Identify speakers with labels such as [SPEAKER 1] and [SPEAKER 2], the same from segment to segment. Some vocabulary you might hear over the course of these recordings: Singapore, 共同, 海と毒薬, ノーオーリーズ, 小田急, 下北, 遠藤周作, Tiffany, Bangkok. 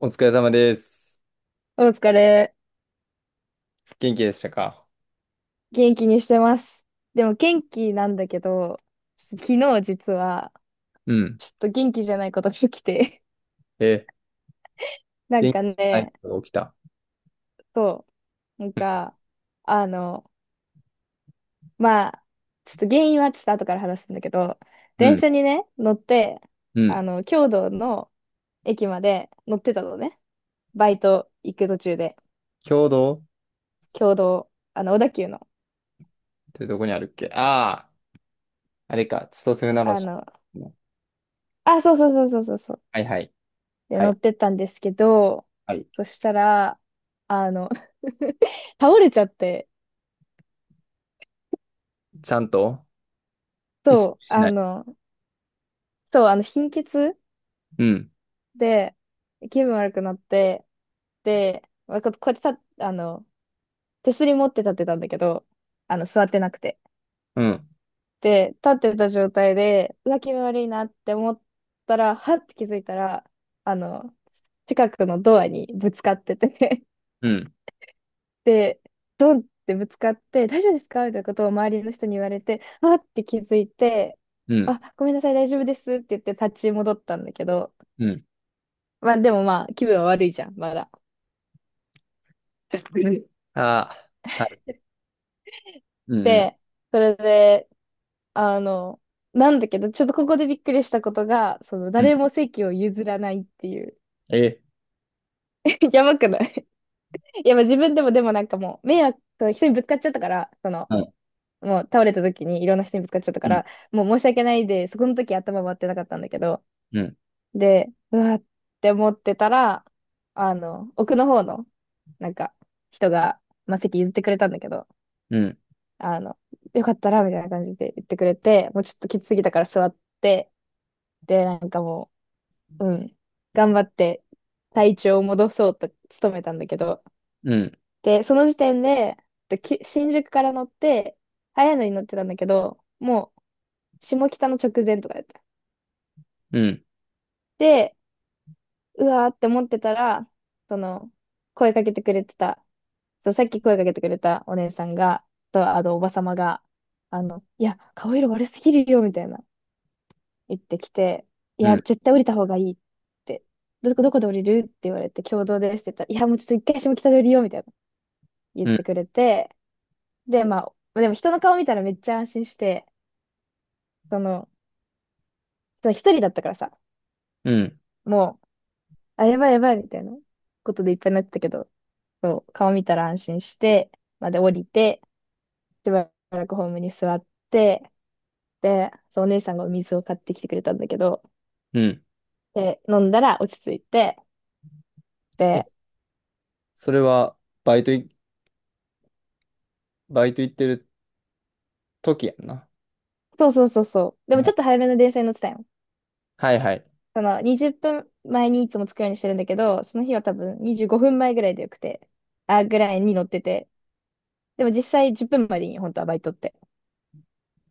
[SPEAKER 1] お疲れ様です。
[SPEAKER 2] お疲れ。
[SPEAKER 1] 元気でしたか？
[SPEAKER 2] 元気にしてます。でも元気なんだけど、ちょっと昨日実は、
[SPEAKER 1] うん。
[SPEAKER 2] ちょっと元気じゃないことが起きて。
[SPEAKER 1] え、
[SPEAKER 2] なん
[SPEAKER 1] 元気
[SPEAKER 2] か
[SPEAKER 1] じゃない
[SPEAKER 2] ね、
[SPEAKER 1] 人が起きた。
[SPEAKER 2] そう、なんか、あの、まあ、ちょっと原因はちょっと後から話すんだけど、
[SPEAKER 1] う
[SPEAKER 2] 電
[SPEAKER 1] ん。
[SPEAKER 2] 車にね、乗って、
[SPEAKER 1] う
[SPEAKER 2] あ
[SPEAKER 1] ん。
[SPEAKER 2] の、京都の駅まで乗ってたのね。バイト行く途中で、
[SPEAKER 1] 共同っ
[SPEAKER 2] 京都、あの、小田急の、
[SPEAKER 1] てどこにあるっけ？ああー、あれか。千歳船
[SPEAKER 2] あ
[SPEAKER 1] 橋。
[SPEAKER 2] の、あ、そうそうそうそうそう、
[SPEAKER 1] はいはい。
[SPEAKER 2] で、
[SPEAKER 1] は
[SPEAKER 2] 乗
[SPEAKER 1] い。
[SPEAKER 2] ってったんですけど、
[SPEAKER 1] はい。
[SPEAKER 2] そしたら、あの 倒れちゃって、
[SPEAKER 1] ちゃんと意識
[SPEAKER 2] そう、
[SPEAKER 1] しな
[SPEAKER 2] あ
[SPEAKER 1] い？
[SPEAKER 2] の、そう、あの、貧血
[SPEAKER 1] うん。
[SPEAKER 2] で、気分悪くなって、で、まあここうやって立っ手すり持って立ってたんだけど、あの、座ってなくて。
[SPEAKER 1] うん。
[SPEAKER 2] で、立ってた状態で、うわ、気分悪いなって思ったら、はって気づいたら、あの、近くのドアにぶつかっててね。
[SPEAKER 1] うん。
[SPEAKER 2] で、ドンってぶつかって、大丈夫ですかみたいなことを周りの人に言われて、あって気づいて、
[SPEAKER 1] うん。
[SPEAKER 2] あ、ごめんなさい、大丈夫ですって言って立ち戻ったんだけど、
[SPEAKER 1] うん。
[SPEAKER 2] まあでもまあ気分は悪いじゃん、まだ。
[SPEAKER 1] ああ、はい。うん。うん。
[SPEAKER 2] で、それで、あの、なんだけど、ちょっとここでびっくりしたことが、その
[SPEAKER 1] うん。
[SPEAKER 2] 誰も席を譲らないっていう。
[SPEAKER 1] え、
[SPEAKER 2] やばくない？ いや、まあ自分でもなんかもう、迷惑、人にぶつかっちゃったから、その、
[SPEAKER 1] うん。
[SPEAKER 2] もう倒れた時にいろんな人にぶつかっちゃった
[SPEAKER 1] う
[SPEAKER 2] か
[SPEAKER 1] ん。
[SPEAKER 2] ら、もう申し訳ないで、そこの時頭回ってなかったんだけど、
[SPEAKER 1] うん。
[SPEAKER 2] で、うわって思ってたら、あの、奥の方の、なんか、人が、まあ、席譲ってくれたんだけど、
[SPEAKER 1] うん。
[SPEAKER 2] あの、よかったら、みたいな感じで言ってくれて、もうちょっときつすぎたから座って、で、なんかもう、うん、頑張って体調を戻そうと努めたんだけど、
[SPEAKER 1] うん。
[SPEAKER 2] で、その時点で、でき新宿から乗って、早いのに乗ってたんだけど、もう、下北の直前とかだった。
[SPEAKER 1] うん。
[SPEAKER 2] で、うわーって思ってたら、その、声かけてくれてた、そう、さっき声かけてくれたお姉さんが、と、あの、おばさまが、あの、いや、顔色悪すぎるよ、みたいな、言ってきて、い
[SPEAKER 1] う
[SPEAKER 2] や、
[SPEAKER 1] ん。
[SPEAKER 2] 絶対降りた方がいいって、どこで降りるって言われて、共同ですって言ったら、いや、もうちょっと一回下北で降りよう、みたいな、言ってくれて、で、まあ、でも人の顔見たらめっちゃ安心して、その、その一人だったからさ、
[SPEAKER 1] うん。
[SPEAKER 2] もう、あ、やばいやばい、みたいなことでいっぱいになってたけど、そう、顔見たら安心して、まあで降りて、しばらくホームに座って、で、そう、お姉さんがお水を買ってきてくれたんだけど、
[SPEAKER 1] うん。
[SPEAKER 2] で、飲んだら落ち着いて、
[SPEAKER 1] え、
[SPEAKER 2] で、
[SPEAKER 1] それは、バイトい、バイト行ってる時やんな。
[SPEAKER 2] そうそうそうそう。でもち
[SPEAKER 1] は
[SPEAKER 2] ょっと早めの電車に乗ってたよ。
[SPEAKER 1] いはい。
[SPEAKER 2] その20分前にいつも着くようにしてるんだけど、その日は多分25分前ぐらいでよくて、あ、ぐらいに乗ってて。でも実際10分まえでいいよ、本当はバイトって。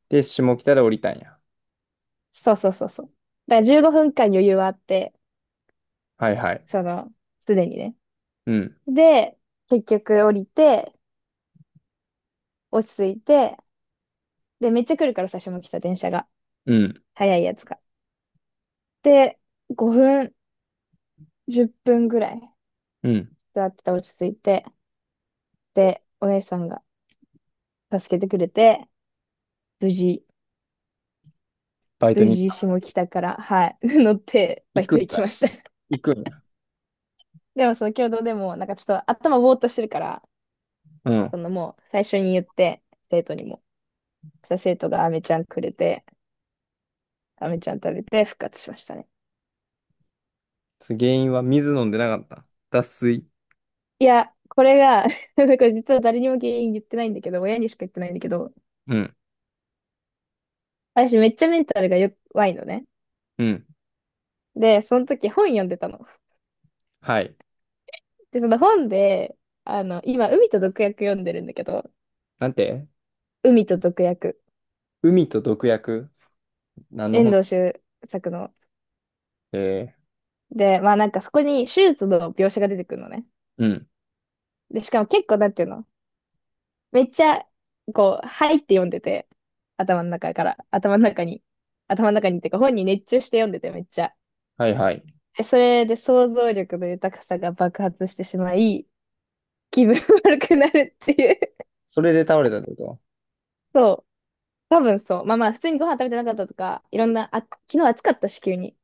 [SPEAKER 1] で、下北で降りたんや。
[SPEAKER 2] そうそうそうそう。だから15分間余裕はあって、
[SPEAKER 1] はいはい。
[SPEAKER 2] その、すでにね。
[SPEAKER 1] うん、
[SPEAKER 2] で、結局降りて、落ち着いて、で、めっちゃ来るから最初も来た電車が。
[SPEAKER 1] うん、
[SPEAKER 2] 早いやつが。で、5分10分ぐらい
[SPEAKER 1] うん。
[SPEAKER 2] 座ってて落ち着いて、で、お姉さんが助けてくれて、無事、
[SPEAKER 1] バイト
[SPEAKER 2] 無
[SPEAKER 1] に
[SPEAKER 2] 事
[SPEAKER 1] 行
[SPEAKER 2] 下北から、はい、乗ってバイ
[SPEAKER 1] く
[SPEAKER 2] ト
[SPEAKER 1] ん
[SPEAKER 2] 行
[SPEAKER 1] か
[SPEAKER 2] きました。
[SPEAKER 1] い。行くんや。
[SPEAKER 2] でもその共同でも、なんかちょっと頭ぼーっとしてるから、
[SPEAKER 1] うん。
[SPEAKER 2] そのもう最初に言って、生徒にも。そしたら生徒が飴ちゃんくれて、飴ちゃん食べて復活しましたね。
[SPEAKER 1] それ原因は水飲んでなかった？脱水。
[SPEAKER 2] いや、これが なんか実は誰にも原因言ってないんだけど、親にしか言ってないんだけど、
[SPEAKER 1] うん、
[SPEAKER 2] 私めっちゃメンタルが弱いのね。
[SPEAKER 1] うん。
[SPEAKER 2] で、その時本読んでたの。
[SPEAKER 1] はい。
[SPEAKER 2] で、その本で、あの、今、海と毒薬読んでるんだけど、
[SPEAKER 1] なんて？
[SPEAKER 2] 海と毒薬、
[SPEAKER 1] 海と毒薬？何の
[SPEAKER 2] 遠
[SPEAKER 1] 本？
[SPEAKER 2] 藤周作の。
[SPEAKER 1] え
[SPEAKER 2] で、まあなんかそこに手術の描写が出てくるのね。
[SPEAKER 1] ー、うん。
[SPEAKER 2] で、しかも結構、なんていうの、めっちゃ、こう、入って読んでて、頭の中から、頭の中に、頭の中にっていうか、本に熱中して読んでて、めっちゃ。
[SPEAKER 1] はいはい。
[SPEAKER 2] で、それで想像力の豊かさが爆発してしまい、気分悪くなるっていう。
[SPEAKER 1] それで倒れたってこと？
[SPEAKER 2] そう。多分そう。まあまあ、普通にご飯食べてなかったとか、いろんな、あ、昨日暑かったし、急に。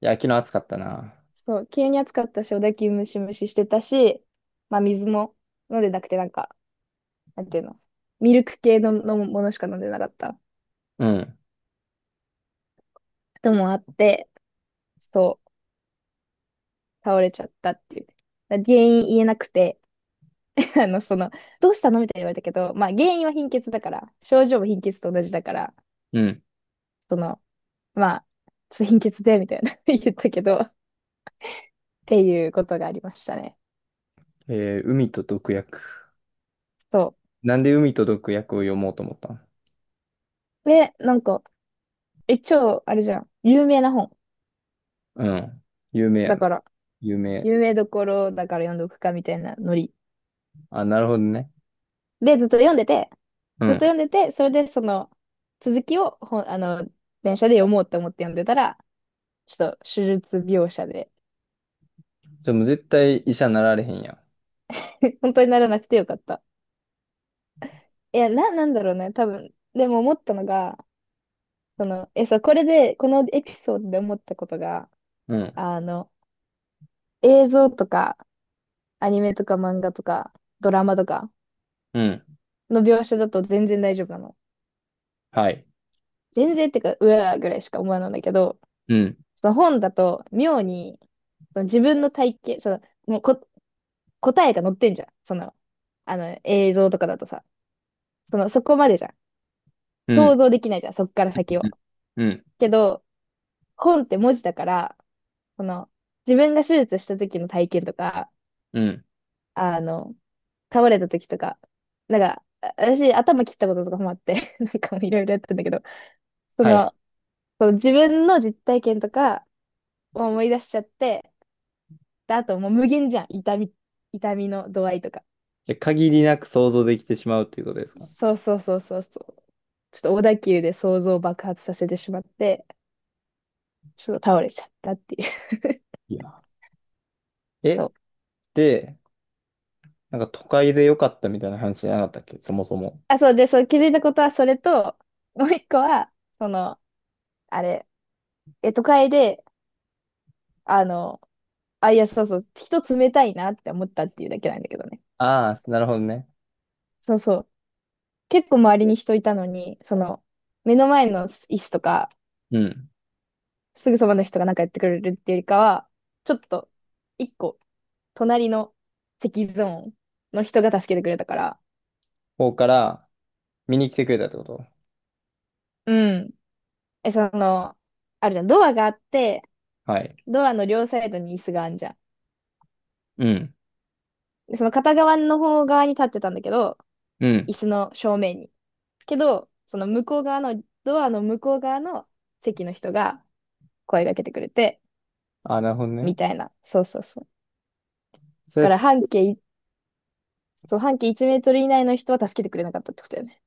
[SPEAKER 1] いや、昨日暑かったな。
[SPEAKER 2] そう、急に暑かったし、おだきムシムシしてたし、まあ水も飲んでなくて、なんか、なんていうの、ミルク系の飲むものしか飲んでなかった
[SPEAKER 1] うん、
[SPEAKER 2] ともあって、そう、倒れちゃったっていう。だ原因言えなくて、あの、その、どうしたのみたいに言われたけど、まあ原因は貧血だから、症状も貧血と同じだから、
[SPEAKER 1] うん。
[SPEAKER 2] その、まあ、ちょっと貧血で、みたいな 言ったけど、っていうことがありましたね。
[SPEAKER 1] えー、海と毒薬。
[SPEAKER 2] そ
[SPEAKER 1] なんで海と毒薬を読もうと思ったん？
[SPEAKER 2] う。で、なんか、え、超、あれじゃん、有名な本。
[SPEAKER 1] うん。有名や
[SPEAKER 2] だ
[SPEAKER 1] な。
[SPEAKER 2] から、
[SPEAKER 1] 有名。
[SPEAKER 2] 有名どころだから読んどくかみたいなノリ。
[SPEAKER 1] あ、なるほどね。
[SPEAKER 2] で、ずっと読んでて、
[SPEAKER 1] う
[SPEAKER 2] ずっ
[SPEAKER 1] ん。
[SPEAKER 2] と読んでて、それでその続きをほん、あの、電車で読もうと思って読んでたら、ちょっと手術描写で、
[SPEAKER 1] じゃあもう絶対医者なられへんやん。
[SPEAKER 2] 本当にならなくてよかった。いや、な、なんだろうね、多分。でも思ったのが、その、え、そう、これで、このエピソードで思ったことが、
[SPEAKER 1] うん。
[SPEAKER 2] あの、映像とか、アニメとか漫画とか、ドラマとか
[SPEAKER 1] うん。
[SPEAKER 2] の描写だと全然大丈夫なの。
[SPEAKER 1] はい。
[SPEAKER 2] 全然ってか、うわーぐらいしか思わないんだけど、
[SPEAKER 1] うん。
[SPEAKER 2] その本だと妙に、その自分の体型、その、もうこ、答えが載ってんじゃん。その、あの、映像とかだとさ、その、そこまでじゃん。
[SPEAKER 1] う
[SPEAKER 2] 想
[SPEAKER 1] ん。
[SPEAKER 2] 像できないじゃん、そっから先
[SPEAKER 1] う
[SPEAKER 2] を。
[SPEAKER 1] ん。うん。
[SPEAKER 2] けど、本って文字だから、その、自分が手術した時の体験とか、
[SPEAKER 1] うん。
[SPEAKER 2] あの、倒れた時とか、なんか、あ私、頭切ったこととかもあって なんかもういろいろやってんだけど、そ
[SPEAKER 1] は
[SPEAKER 2] の、
[SPEAKER 1] い。
[SPEAKER 2] その自分の実体験とかを思い出しちゃって、で、あともう無限じゃん、痛み、痛みの度合いとか。
[SPEAKER 1] じゃあ限りなく想像できてしまうということですか？
[SPEAKER 2] そうそうそうそうそう。ちょっと小田急で想像を爆発させてしまって、ちょっと倒れちゃったっていう。
[SPEAKER 1] いや、
[SPEAKER 2] そ
[SPEAKER 1] え、
[SPEAKER 2] う。
[SPEAKER 1] で、なんか都会で良かったみたいな話じゃなかったっけそもそも。
[SPEAKER 2] あ、そうで、そう、気づいたことはそれと、もう一個は、その、あれ、え、都会で、あの、あ、いや、そうそう、人冷たいなって思ったっていうだけなんだけどね。
[SPEAKER 1] ああ、なるほどね。
[SPEAKER 2] そうそう。結構周りに人いたのに、その、目の前の椅子とか、
[SPEAKER 1] うん。
[SPEAKER 2] すぐそばの人がなんかやってくれるっていうよりかは、ちょっと、一個、隣の席ゾーンの人が助けてくれたから、
[SPEAKER 1] 方から見に来てくれたってこと？
[SPEAKER 2] うん。え、その、あるじゃん。ドアがあって、
[SPEAKER 1] はい。
[SPEAKER 2] ドアの両サイドに椅子があるじゃん。
[SPEAKER 1] うん。
[SPEAKER 2] で、その片側の方側に立ってたんだけど、
[SPEAKER 1] うん。
[SPEAKER 2] 椅子の正面に。けど、その向こう側の、ドアの向こう側の席の人が声かけてくれて、
[SPEAKER 1] ああ、なるほど
[SPEAKER 2] み
[SPEAKER 1] ね。
[SPEAKER 2] たいな。そうそうそう。だ
[SPEAKER 1] それ
[SPEAKER 2] から
[SPEAKER 1] す、
[SPEAKER 2] 半径い、そう、半径1メートル以内の人は助けてくれなかったってことだよね。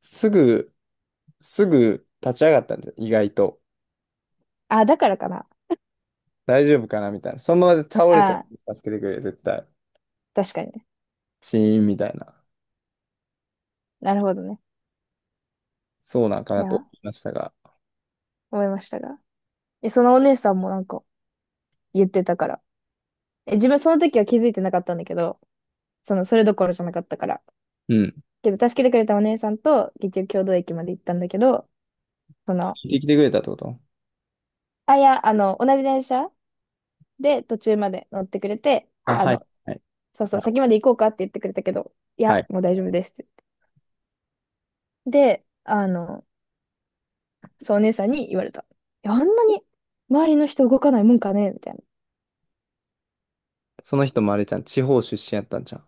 [SPEAKER 1] すぐ、すぐ立ち上がったんじゃ、意外と。
[SPEAKER 2] あ、だからかな。
[SPEAKER 1] 大丈夫かなみたいな。そのままで倒れた
[SPEAKER 2] あ、
[SPEAKER 1] ら助けてくれ、絶対。
[SPEAKER 2] 確かにね。
[SPEAKER 1] シーンみたいな。
[SPEAKER 2] なるほどね。
[SPEAKER 1] そうなんか
[SPEAKER 2] い
[SPEAKER 1] なと
[SPEAKER 2] や、
[SPEAKER 1] 思いましたが。
[SPEAKER 2] 思いましたが。え、そのお姉さんもなんか言ってたから。え、自分その時は気づいてなかったんだけど、その、それどころじゃなかったから。
[SPEAKER 1] うん。
[SPEAKER 2] けど、助けてくれたお姉さんと、結局、共同駅まで行ったんだけど、その、
[SPEAKER 1] 聞いてきてくれたってこと？
[SPEAKER 2] あ、いや、あの、同じ電車で途中まで乗ってくれて、
[SPEAKER 1] あ、
[SPEAKER 2] あ
[SPEAKER 1] はい。
[SPEAKER 2] の、
[SPEAKER 1] はい。
[SPEAKER 2] そうそ
[SPEAKER 1] は
[SPEAKER 2] う、
[SPEAKER 1] い。
[SPEAKER 2] 先まで行こうかって言ってくれたけど、いや、もう大丈夫ですって言って。で、あの、そう、お姉さんに言われた。いや、あんなに周りの人動かないもんかねみたいな。
[SPEAKER 1] その人もあれじゃん。地方出身やったんじゃん。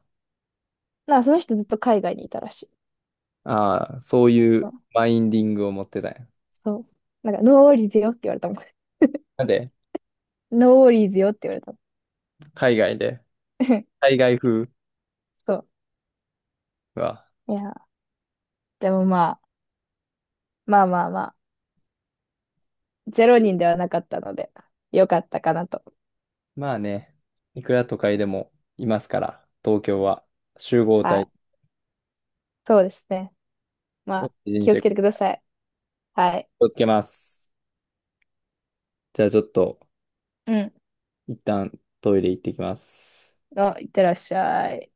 [SPEAKER 2] なんか、その人ずっと海外にいたらしい。
[SPEAKER 1] ああ、そうい
[SPEAKER 2] そう。
[SPEAKER 1] うマインディングを持ってたんや。
[SPEAKER 2] そうなんか、ノーオーリーズよって言われたもん。
[SPEAKER 1] なんで、
[SPEAKER 2] ノーオーリーズよって言われたも
[SPEAKER 1] 海外で。
[SPEAKER 2] ん。
[SPEAKER 1] 海外風
[SPEAKER 2] そう。
[SPEAKER 1] は。
[SPEAKER 2] いや、でもまあ、まあまあま、ゼロ人ではなかったので、よかったかなと。
[SPEAKER 1] まあね、いくら都会でもいますから、東京は集合
[SPEAKER 2] は
[SPEAKER 1] 体
[SPEAKER 2] い。そうですね。ま
[SPEAKER 1] を
[SPEAKER 2] あ、
[SPEAKER 1] 大事に
[SPEAKER 2] 気
[SPEAKER 1] し
[SPEAKER 2] をつ
[SPEAKER 1] て気
[SPEAKER 2] けてください。はい。
[SPEAKER 1] をつけます。じゃあちょっと、
[SPEAKER 2] うん。
[SPEAKER 1] 一旦トイレ行ってきます。
[SPEAKER 2] あ、いってらっしゃい。